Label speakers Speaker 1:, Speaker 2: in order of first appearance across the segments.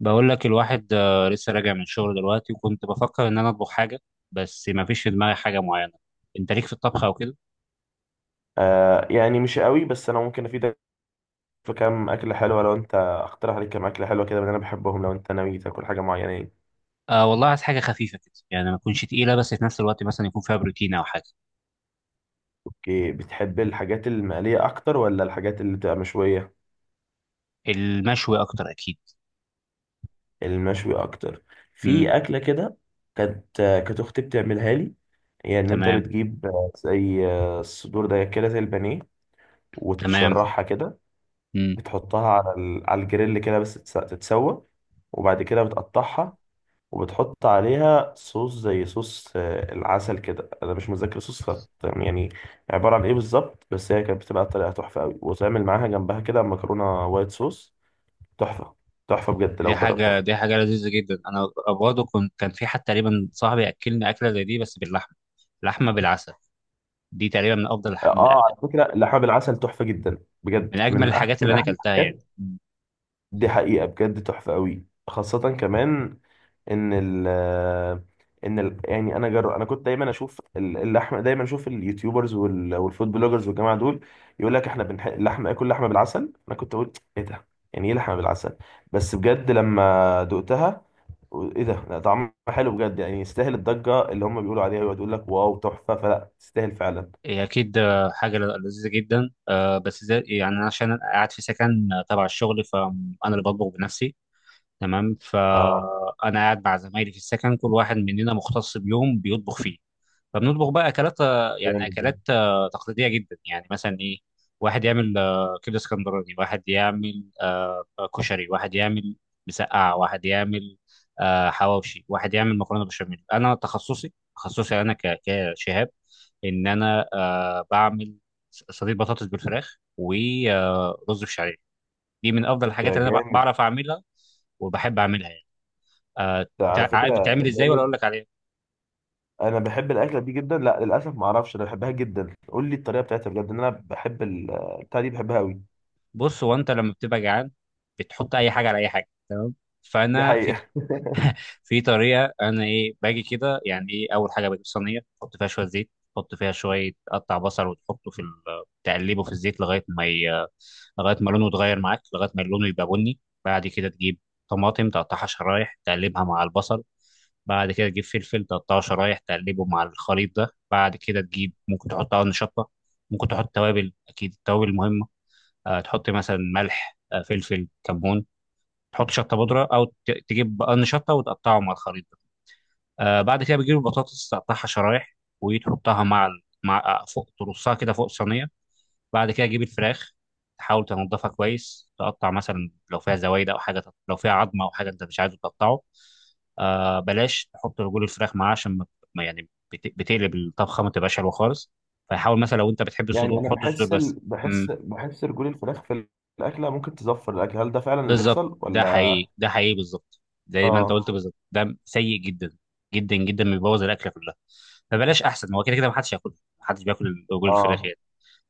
Speaker 1: بقول لك الواحد لسه راجع من الشغل دلوقتي، وكنت بفكر ان انا اطبخ حاجه. بس ما فيش في دماغي حاجه معينه. انت ليك في الطبخ او كده؟
Speaker 2: آه، يعني مش قوي بس انا ممكن افيدك في كام اكله حلوه. لو انت اقترح عليك كام اكله حلوه كده من اللي انا بحبهم لو انت ناوي تاكل حاجه معينه يعني.
Speaker 1: آه والله عايز حاجه خفيفه كده، يعني ما تكونش تقيله، بس في نفس الوقت مثلا يكون فيها بروتين او حاجه.
Speaker 2: اوكي، بتحب الحاجات المقليه اكتر ولا الحاجات اللي بتبقى مشويه؟
Speaker 1: المشوي اكتر اكيد.
Speaker 2: المشوي اكتر.
Speaker 1: امم.
Speaker 2: في اكله كده كانت، كانت اختي بتعملها لي. يعني ان انت
Speaker 1: تمام،
Speaker 2: بتجيب زي الصدور ده كده زي البانيه
Speaker 1: تمام.
Speaker 2: وتشرحها كده.
Speaker 1: امم.
Speaker 2: بتحطها على على الجريل كده بس تتسوى، وبعد كده بتقطعها. وبتحط عليها صوص زي صوص العسل كده. انا مش متذكر صوص خط يعني عباره عن ايه بالظبط، بس هي كانت بتبقى طريقه تحفه قوي، وتعمل معاها جنبها كده مكرونه وايت صوص. تحفه. تحفه بجد
Speaker 1: دي
Speaker 2: لو
Speaker 1: حاجه
Speaker 2: جربتها.
Speaker 1: دي حاجه لذيذه جدا. انا برضه كان في حد تقريبا صاحبي اكلني اكله زي دي بس باللحمه، لحمه بالعسل. دي تقريبا من افضل
Speaker 2: اه،
Speaker 1: الح- من
Speaker 2: على
Speaker 1: أ-
Speaker 2: فكره لحم بالعسل تحفه جدا. بجد
Speaker 1: من اجمل الحاجات اللي
Speaker 2: من
Speaker 1: انا
Speaker 2: احلى
Speaker 1: اكلتها يعني.
Speaker 2: الحاجات. دي حقيقة بجد، تحفة قوي، خاصة كمان ان ال ان ال يعني انا جر... انا كنت دايما اشوف اللحمه، دايما اشوف اليوتيوبرز والفود بلوجرز والجماعه دول يقول لك احنا لحمه، اكل لحمه بالعسل. انا كنت اقول ايه ده، يعني ايه لحمه بالعسل؟ بس بجد لما دقتها ايه ده، لا طعمها حلو بجد. يعني يستاهل الضجه اللي هم بيقولوا عليها ويقعدوا يقول لك واو تحفه، فلا تستاهل فعلا.
Speaker 1: هي أكيد حاجة لذيذة جدا، بس زي يعني، أنا عشان أنا قاعد في سكن تبع الشغل، فأنا اللي بطبخ بنفسي. تمام،
Speaker 2: اه
Speaker 1: فانا قاعد مع زمايلي في السكن، كل واحد مننا مختص بيوم بيطبخ فيه. فبنطبخ بقى اكلات آه، يعني اكلات
Speaker 2: جامد
Speaker 1: آه، تقليديه جدا، يعني مثلا ايه. واحد يعمل كبده اسكندراني، واحد يعمل كشري، واحد يعمل مسقعه، واحد يعمل حواوشي، واحد يعمل مكرونه بشاميل. انا تخصصي، انا كشهاب، ان انا بعمل صينيه بطاطس بالفراخ ورز بشعريه. دي من افضل الحاجات
Speaker 2: ده.
Speaker 1: اللي انا
Speaker 2: جامد
Speaker 1: بعرف اعملها وبحب اعملها يعني. آه،
Speaker 2: ده، على
Speaker 1: عارف
Speaker 2: فكره،
Speaker 1: بتعمل ازاي ولا
Speaker 2: جامد.
Speaker 1: اقول لك عليها؟
Speaker 2: انا بحب الاكله دي جدا. لا للاسف ما اعرفش، انا بحبها جدا، قول لي الطريقه بتاعتها بجد. ان انا بحب البتاعه دي، بحبها قوي.
Speaker 1: بص، هو انت لما بتبقى جعان بتحط اي حاجه على اي حاجه، تمام؟
Speaker 2: دي
Speaker 1: فانا في
Speaker 2: حقيقه
Speaker 1: في طريقه، انا ايه باجي كده يعني. ايه، اول حاجه بجيب صينيه، احط فيها شويه زيت، احط فيها شويه قطع بصل، وتحطه تقلبه في الزيت لغايه ما لونه يتغير معاك، لغايه ما لونه يبقى بني. بعد كده تجيب طماطم، تقطعها شرايح، تقلبها مع البصل. بعد كده تجيب فلفل، تقطعه شرايح، تقلبه مع الخليط ده. بعد كده تجيب، ممكن تحط قرن شطة، ممكن تحط توابل، أكيد التوابل مهمة. تحط مثلا ملح، فلفل، كمون. تحط شطه بودره، او تجيب بقرن شطه وتقطعه مع الخليط ده. بعد كده بتجيب البطاطس، تقطعها شرايح، وتحطها مع ال- مع آه، فوق، ترصها كده فوق الصينيه. بعد كده تجيب الفراخ، تحاول تنضفها كويس، تقطع مثلا لو فيها زوايد او حاجه، لو فيها عظمه او حاجه انت مش عايزه تقطعه. بلاش تحط رجول الفراخ معاه، عشان ما يعني بتقلب الطبخه ما تبقاش حلوه خالص. فحاول مثلا لو انت بتحب
Speaker 2: يعني
Speaker 1: الصدور،
Speaker 2: انا
Speaker 1: حط الصدور
Speaker 2: بحس ال...
Speaker 1: بس.
Speaker 2: بحس بحس رجول الفراخ في الاكله ممكن تزفر الاكل، هل ده فعلا اللي
Speaker 1: بالظبط،
Speaker 2: بيحصل
Speaker 1: ده
Speaker 2: ولا؟
Speaker 1: حقيقي، ده حقيقي، بالظبط، زي ما انت
Speaker 2: اه،
Speaker 1: قلت بالظبط، ده سيء جدا جدا جدا، بيبوظ الاكله كلها. فبلاش، احسن هو كده كده ما حدش ياكلها، ما حدش بياكل رجول الفراخ
Speaker 2: اه،
Speaker 1: يعني.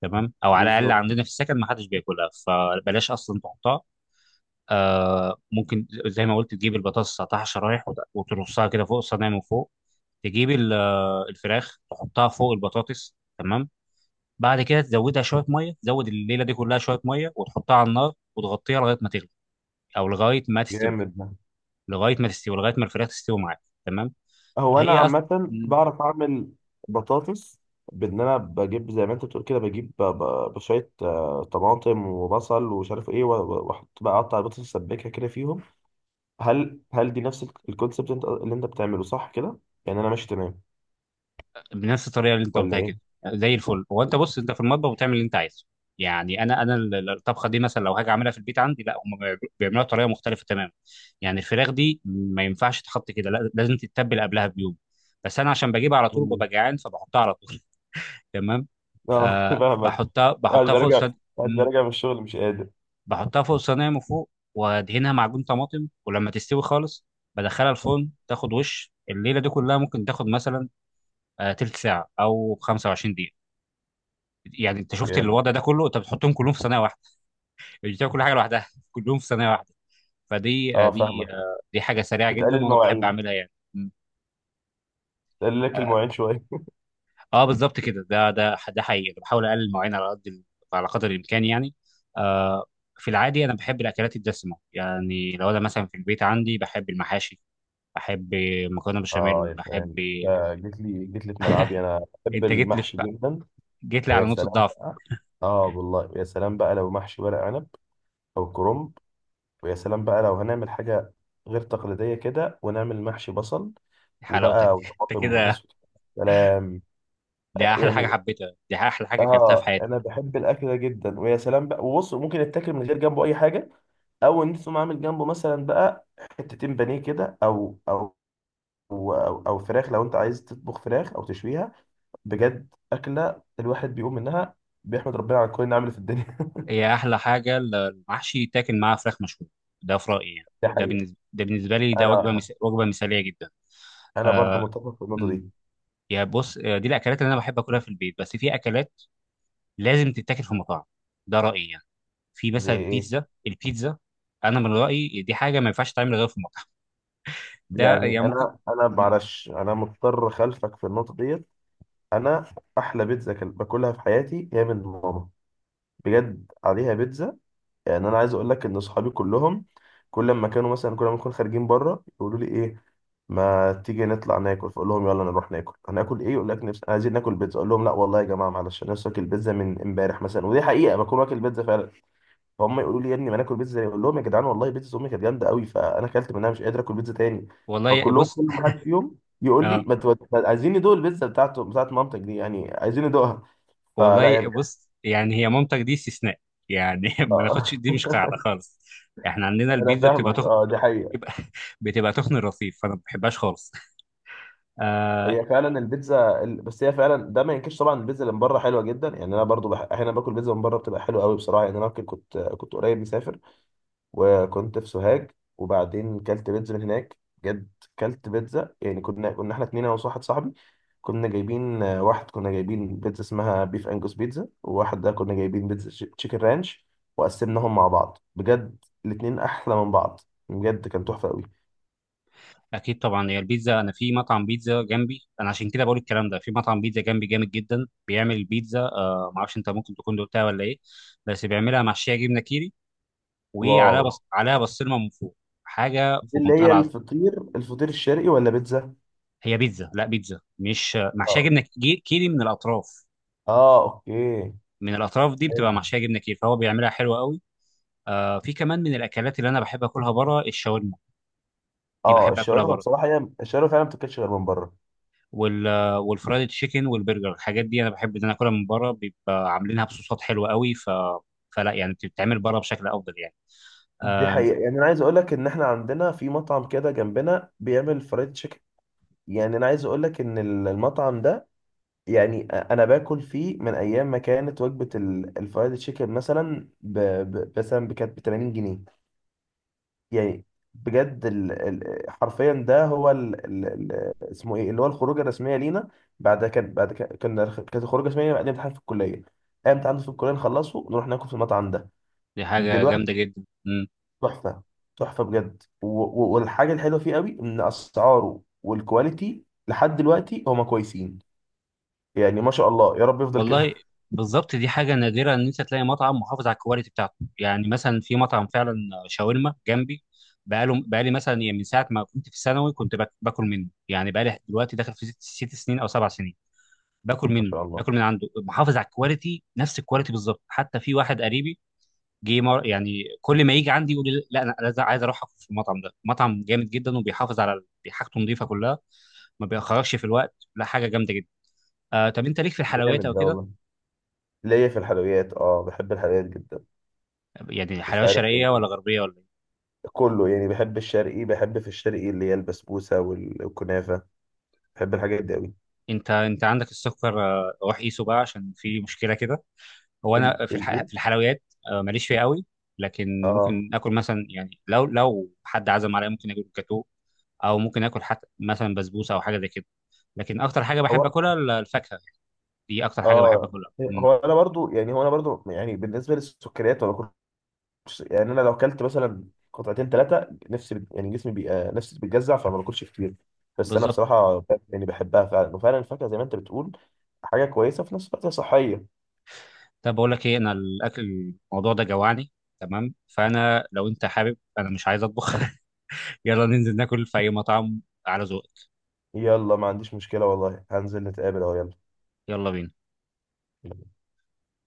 Speaker 1: تمام، او على الاقل
Speaker 2: بالظبط.
Speaker 1: عندنا في السكن ما حدش بياكلها، فبلاش اصلا تحطها. ممكن زي ما قلت تجيب البطاطس، تقطعها شرايح، وترصها كده فوق الصينيه من فوق. تجيب الفراخ، تحطها فوق البطاطس، تمام. بعد كده تزودها شويه ميه، تزود الليله دي كلها شويه ميه، وتحطها على النار وتغطيها لغايه ما تغلي او لغايه ما تستوي،
Speaker 2: جامد ده.
Speaker 1: لغايه ما الفراخ تستوي معاك، تمام.
Speaker 2: هو انا
Speaker 1: هي اصلا
Speaker 2: عامه بعرف اعمل بطاطس، بان انا بجيب زي ما انت بتقول كده، بجيب بشويه طماطم وبصل ومش عارف ايه، واحط بقى اقطع البطاطس اسبكها كده فيهم. هل دي نفس الكونسبت اللي انت بتعمله صح كده؟ يعني انا ماشي تمام
Speaker 1: بنفس الطريقه اللي انت
Speaker 2: ولا
Speaker 1: قلتها
Speaker 2: ايه؟
Speaker 1: كده، زي الفل. هو انت بص انت في المطبخ بتعمل اللي انت عايزه. يعني انا الطبخه دي مثلا لو هاجي اعملها في البيت عندي، لا، هم بيعملوها بيعملوها بطريقه مختلفه تماما. يعني الفراخ دي ما ينفعش تتحط كده، لا، لازم تتبل قبلها بيوم، بس انا عشان بجيبها على طول
Speaker 2: مم.
Speaker 1: ببقى جعان فبحطها على طول. تمام.
Speaker 2: اه فاهمك.
Speaker 1: بحطها
Speaker 2: بعد
Speaker 1: بحطها
Speaker 2: ما
Speaker 1: فوق
Speaker 2: راجع
Speaker 1: السد،
Speaker 2: بعد ما راجع من الشغل مش قادر.
Speaker 1: بحطها فوق الصينيه من فوق، وادهنها معجون طماطم، ولما تستوي خالص بدخلها الفرن، تاخد وش الليله دي كلها، ممكن تاخد مثلا تلت ساعه او 25 دقيقه. يعني انت شفت
Speaker 2: جامد.
Speaker 1: الوضع ده كله، انت بتحطهم كلهم في صينيه واحده، مش بتاكل كل حاجه لوحدها كلهم في صينيه واحده. فدي آه،
Speaker 2: اه
Speaker 1: دي
Speaker 2: فاهمك.
Speaker 1: آه، دي حاجه سريعه جدا،
Speaker 2: بتقلل
Speaker 1: وانا بحب
Speaker 2: مواعين،
Speaker 1: اعملها يعني.
Speaker 2: بتقلل لك
Speaker 1: اه،
Speaker 2: المواعين شويه.
Speaker 1: بالظبط كده، ده حقيقي. أنا بحاول اقلل المواعين على قدر الامكان يعني. آه في العادي انا بحب الاكلات الدسمه، يعني لو انا مثلا في البيت عندي بحب المحاشي، احب مكرونه
Speaker 2: اه
Speaker 1: بشاميل،
Speaker 2: يا
Speaker 1: احب.
Speaker 2: سلام، جيت لي جيت لي في ملعبي، انا بحب
Speaker 1: انت جيت لي
Speaker 2: المحشي
Speaker 1: في...
Speaker 2: جدا.
Speaker 1: جيت لي
Speaker 2: ويا
Speaker 1: على نقطه
Speaker 2: سلام
Speaker 1: ضعف،
Speaker 2: بقى. اه والله، يا سلام بقى لو محشي ورق عنب او كرنب. ويا سلام بقى لو هنعمل حاجه غير تقليديه كده، ونعمل محشي بصل
Speaker 1: حلاوتك
Speaker 2: وبقى
Speaker 1: انت
Speaker 2: وطماطم
Speaker 1: كده.
Speaker 2: وبطاطس، سلام. يعني
Speaker 1: دي احلى حاجه اكلتها في
Speaker 2: اه،
Speaker 1: حياتي.
Speaker 2: انا بحب الاكل ده جدا، ويا سلام بقى. وبص، ممكن يتاكل من غير جنبه اي حاجه، او ان انت تقوم عامل جنبه مثلا بقى حتتين بانيه كده، او فراخ لو انت عايز تطبخ فراخ او تشويها. بجد اكله الواحد بيقوم منها بيحمد ربنا على كل نعمه في الدنيا
Speaker 1: هي احلى حاجه، المحشي يتاكل معاه فراخ مشويه، ده في رايي يعني.
Speaker 2: دي حقيقه.
Speaker 1: ده بالنسبه لي، ده
Speaker 2: انا
Speaker 1: وجبه مثاليه جدا.
Speaker 2: انا برضه
Speaker 1: آه...
Speaker 2: متفق في النقطه
Speaker 1: أمم.
Speaker 2: دي.
Speaker 1: يا بص، دي الاكلات اللي انا بحب اكلها في البيت، بس في اكلات لازم تتاكل في مطاعم، ده رايي يعني. في مثلا
Speaker 2: زي ايه؟
Speaker 1: البيتزا، انا من رايي دي حاجه ما ينفعش تعمل غير في مطعم، ده
Speaker 2: يعني
Speaker 1: يعني ممكن.
Speaker 2: انا
Speaker 1: أمم.
Speaker 2: معلش، انا مضطر خلفك في النقطه ديت. انا احلى بيتزا باكلها في حياتي هي من ماما، بجد عليها بيتزا. يعني انا عايز اقول لك ان اصحابي كلهم كل ما كانوا مثلا، كل ما نكون خارجين بره يقولوا لي ايه، ما تيجي نطلع ناكل، فاقول لهم يلا نروح ناكل. هناكل ايه؟ يقول لك نفسي، عايزين ناكل بيتزا. اقول لهم لا والله يا جماعه معلش، انا نفسي اكل بيتزا من امبارح مثلا، ودي حقيقه بكون واكل بيتزا فعلا. فهم يقولوا لي يا ابني ما ناكل بيتزا، اقول لهم يا جدعان والله بيتزا امي كانت جامده قوي، فانا اكلت منها مش قادر اكل بيتزا تاني.
Speaker 1: والله
Speaker 2: فكلهم
Speaker 1: بص.
Speaker 2: كل ما حد فيهم يقول لي ما تود... ما- عايزين ندوق البيتزا بتاعته، بتاعت مامتك دي يعني، عايزين ندوقها. فلا يا
Speaker 1: والله،
Speaker 2: بجد
Speaker 1: بص، يعني هي مامتك دي استثناء يعني، ما ناخدش، دي
Speaker 2: آه.
Speaker 1: مش قاعده خالص. احنا عندنا
Speaker 2: انا
Speaker 1: البيتزا
Speaker 2: فاهمك، اه، دي حقيقه.
Speaker 1: بتبقى بتبقى تخن الرصيف، فانا ما بحبهاش خالص. آه
Speaker 2: هي فعلا البيتزا بس هي فعلا ده ما ينكرش طبعا، البيتزا اللي من بره حلوه جدا. يعني انا برضو احيانا باكل بيتزا من بره بتبقى حلوه قوي بصراحه. يعني انا كنت قريب مسافر، وكنت في سوهاج، وبعدين كلت بيتزا من هناك، بجد. كلت بيتزا يعني، كنا احنا اتنين انا وواحد صاحبي، كنا جايبين واحد كنا جايبين بيتزا اسمها بيف انجوس بيتزا، وواحد ده كنا جايبين بيتزا تشيكن رانش، وقسمناهم مع بعض. بجد الاتنين احلى من بعض، بجد كان تحفه قوي.
Speaker 1: اكيد طبعا، هي البيتزا، انا في مطعم بيتزا جنبي، انا عشان كده بقول الكلام ده، في مطعم بيتزا جنبي جامد جدا بيعمل بيتزا، ما اعرفش انت ممكن تكون دوقتها ولا ايه، بس بيعملها محشيه جبنه كيري،
Speaker 2: واو.
Speaker 1: عليها بسطرمه من فوق، حاجه
Speaker 2: دي
Speaker 1: في
Speaker 2: اللي
Speaker 1: منتهى
Speaker 2: هي
Speaker 1: العظمه.
Speaker 2: الفطير الشرقي ولا بيتزا؟
Speaker 1: هي بيتزا، لا، بيتزا مش محشيه جبنه كيري من الاطراف،
Speaker 2: اه اوكي.
Speaker 1: من الاطراف دي
Speaker 2: حلو.
Speaker 1: بتبقى محشيه جبنه كتير، فهو بيعملها حلوه قوي. في كمان من الاكلات اللي انا بحب اكلها بره، الشاورما، دي
Speaker 2: اه
Speaker 1: بحب اكلها
Speaker 2: الشاورما
Speaker 1: بره،
Speaker 2: بصراحه، هي الشاورما فعلا ما بتاكلش غير من بره.
Speaker 1: وال والفرايد تشيكن والبرجر، الحاجات دي انا بحب ان انا اكلها من بره، بيبقى عاملينها بصوصات حلوه قوي، فلا يعني بتتعمل بره بشكل افضل يعني.
Speaker 2: دي
Speaker 1: آه
Speaker 2: حقيقه. يعني انا عايز اقول لك ان احنا عندنا في مطعم كده جنبنا بيعمل فرايد تشيكن. يعني انا عايز اقول لك ان المطعم ده، يعني انا باكل فيه من ايام ما كانت وجبه الفرايد تشيكن مثلا مثلا كانت ب 80 جنيه. يعني بجد حرفيا ده هو اسمه ايه، اللي هو الخروجه الرسميه لينا. كانت الخروجه الرسميه بعد امتحان في الكليه، اي امتحان في الكليه نخلصه نروح ناكل في المطعم ده
Speaker 1: دي حاجه جامده
Speaker 2: دلوقتي.
Speaker 1: جدا
Speaker 2: تحفه. تحفه بجد، والحاجه الحلوه فيه قوي ان اسعاره والكواليتي لحد دلوقتي هما كويسين، يعني ما شاء الله يا رب يفضل
Speaker 1: والله.
Speaker 2: كده
Speaker 1: بالظبط، دي حاجة نادرة إن أنت تلاقي مطعم محافظ على الكواليتي بتاعته، يعني مثلا في مطعم فعلا شاورما جنبي، بقالي مثلا، يعني من ساعة ما كنت في الثانوي كنت باكل منه، يعني بقالي دلوقتي داخل في 6 سنين أو 7 سنين، باكل
Speaker 2: ما
Speaker 1: منه،
Speaker 2: شاء الله.
Speaker 1: باكل من عنده، محافظ على الكواليتي، نفس الكواليتي بالظبط، حتى في واحد قريبي يعني كل ما يجي عندي يقول لي لا، أنا عايز أروح أكل في المطعم ده، مطعم جامد جدا وبيحافظ على حاجته نظيفة كلها، ما بيأخركش في الوقت، لا، حاجة جامدة جدا. طب أنت ليك في الحلويات
Speaker 2: جامد
Speaker 1: أو
Speaker 2: ده
Speaker 1: كده؟
Speaker 2: والله. ليا في الحلويات اه، بحب الحلويات جدا.
Speaker 1: يعني
Speaker 2: مش
Speaker 1: حلاوة
Speaker 2: عارف،
Speaker 1: شرقية ولا غربية ولا إيه؟
Speaker 2: كله يعني، بحب الشرقي، بحب في الشرقي اللي هي البسبوسة والكنافة، بحب الحاجات دي قوي.
Speaker 1: أنت عندك السكر، روح قيسه بقى عشان في مشكلة كده. هو أنا
Speaker 2: الايه؟
Speaker 1: في الحلويات ماليش فيها قوي، لكن
Speaker 2: اه.
Speaker 1: ممكن آكل مثلا، يعني لو حد عزم عليا ممكن آكل جاتوه، أو ممكن آكل حتى مثلا بسبوسة أو حاجة زي كده. لكن أكتر حاجة بحب
Speaker 2: هو
Speaker 1: آكلها الفاكهة، دي أكتر حاجة بحب
Speaker 2: اه
Speaker 1: آكلها. مم.
Speaker 2: هو انا برضو يعني بالنسبة للسكريات، ولا كنتش يعني، انا لو اكلت مثلا قطعتين ثلاثة نفسي يعني جسمي بيبقى نفسي بتجزع، فما باكلش كتير. بس انا
Speaker 1: بالظبط.
Speaker 2: بصراحة يعني بحبها فعلا، وفعلا الفاكهة زي ما انت بتقول حاجة كويسة في نفس الوقت، هي صحية.
Speaker 1: طب بقول لك ايه، انا الاكل الموضوع ده جوعني، تمام، فانا لو انت حابب، انا مش عايز اطبخ، يلا ننزل ناكل في اي مطعم، على ذوقك.
Speaker 2: يلا ما عنديش مشكلة والله، هنزل نتقابل اهو،
Speaker 1: يلا بينا.
Speaker 2: يلا.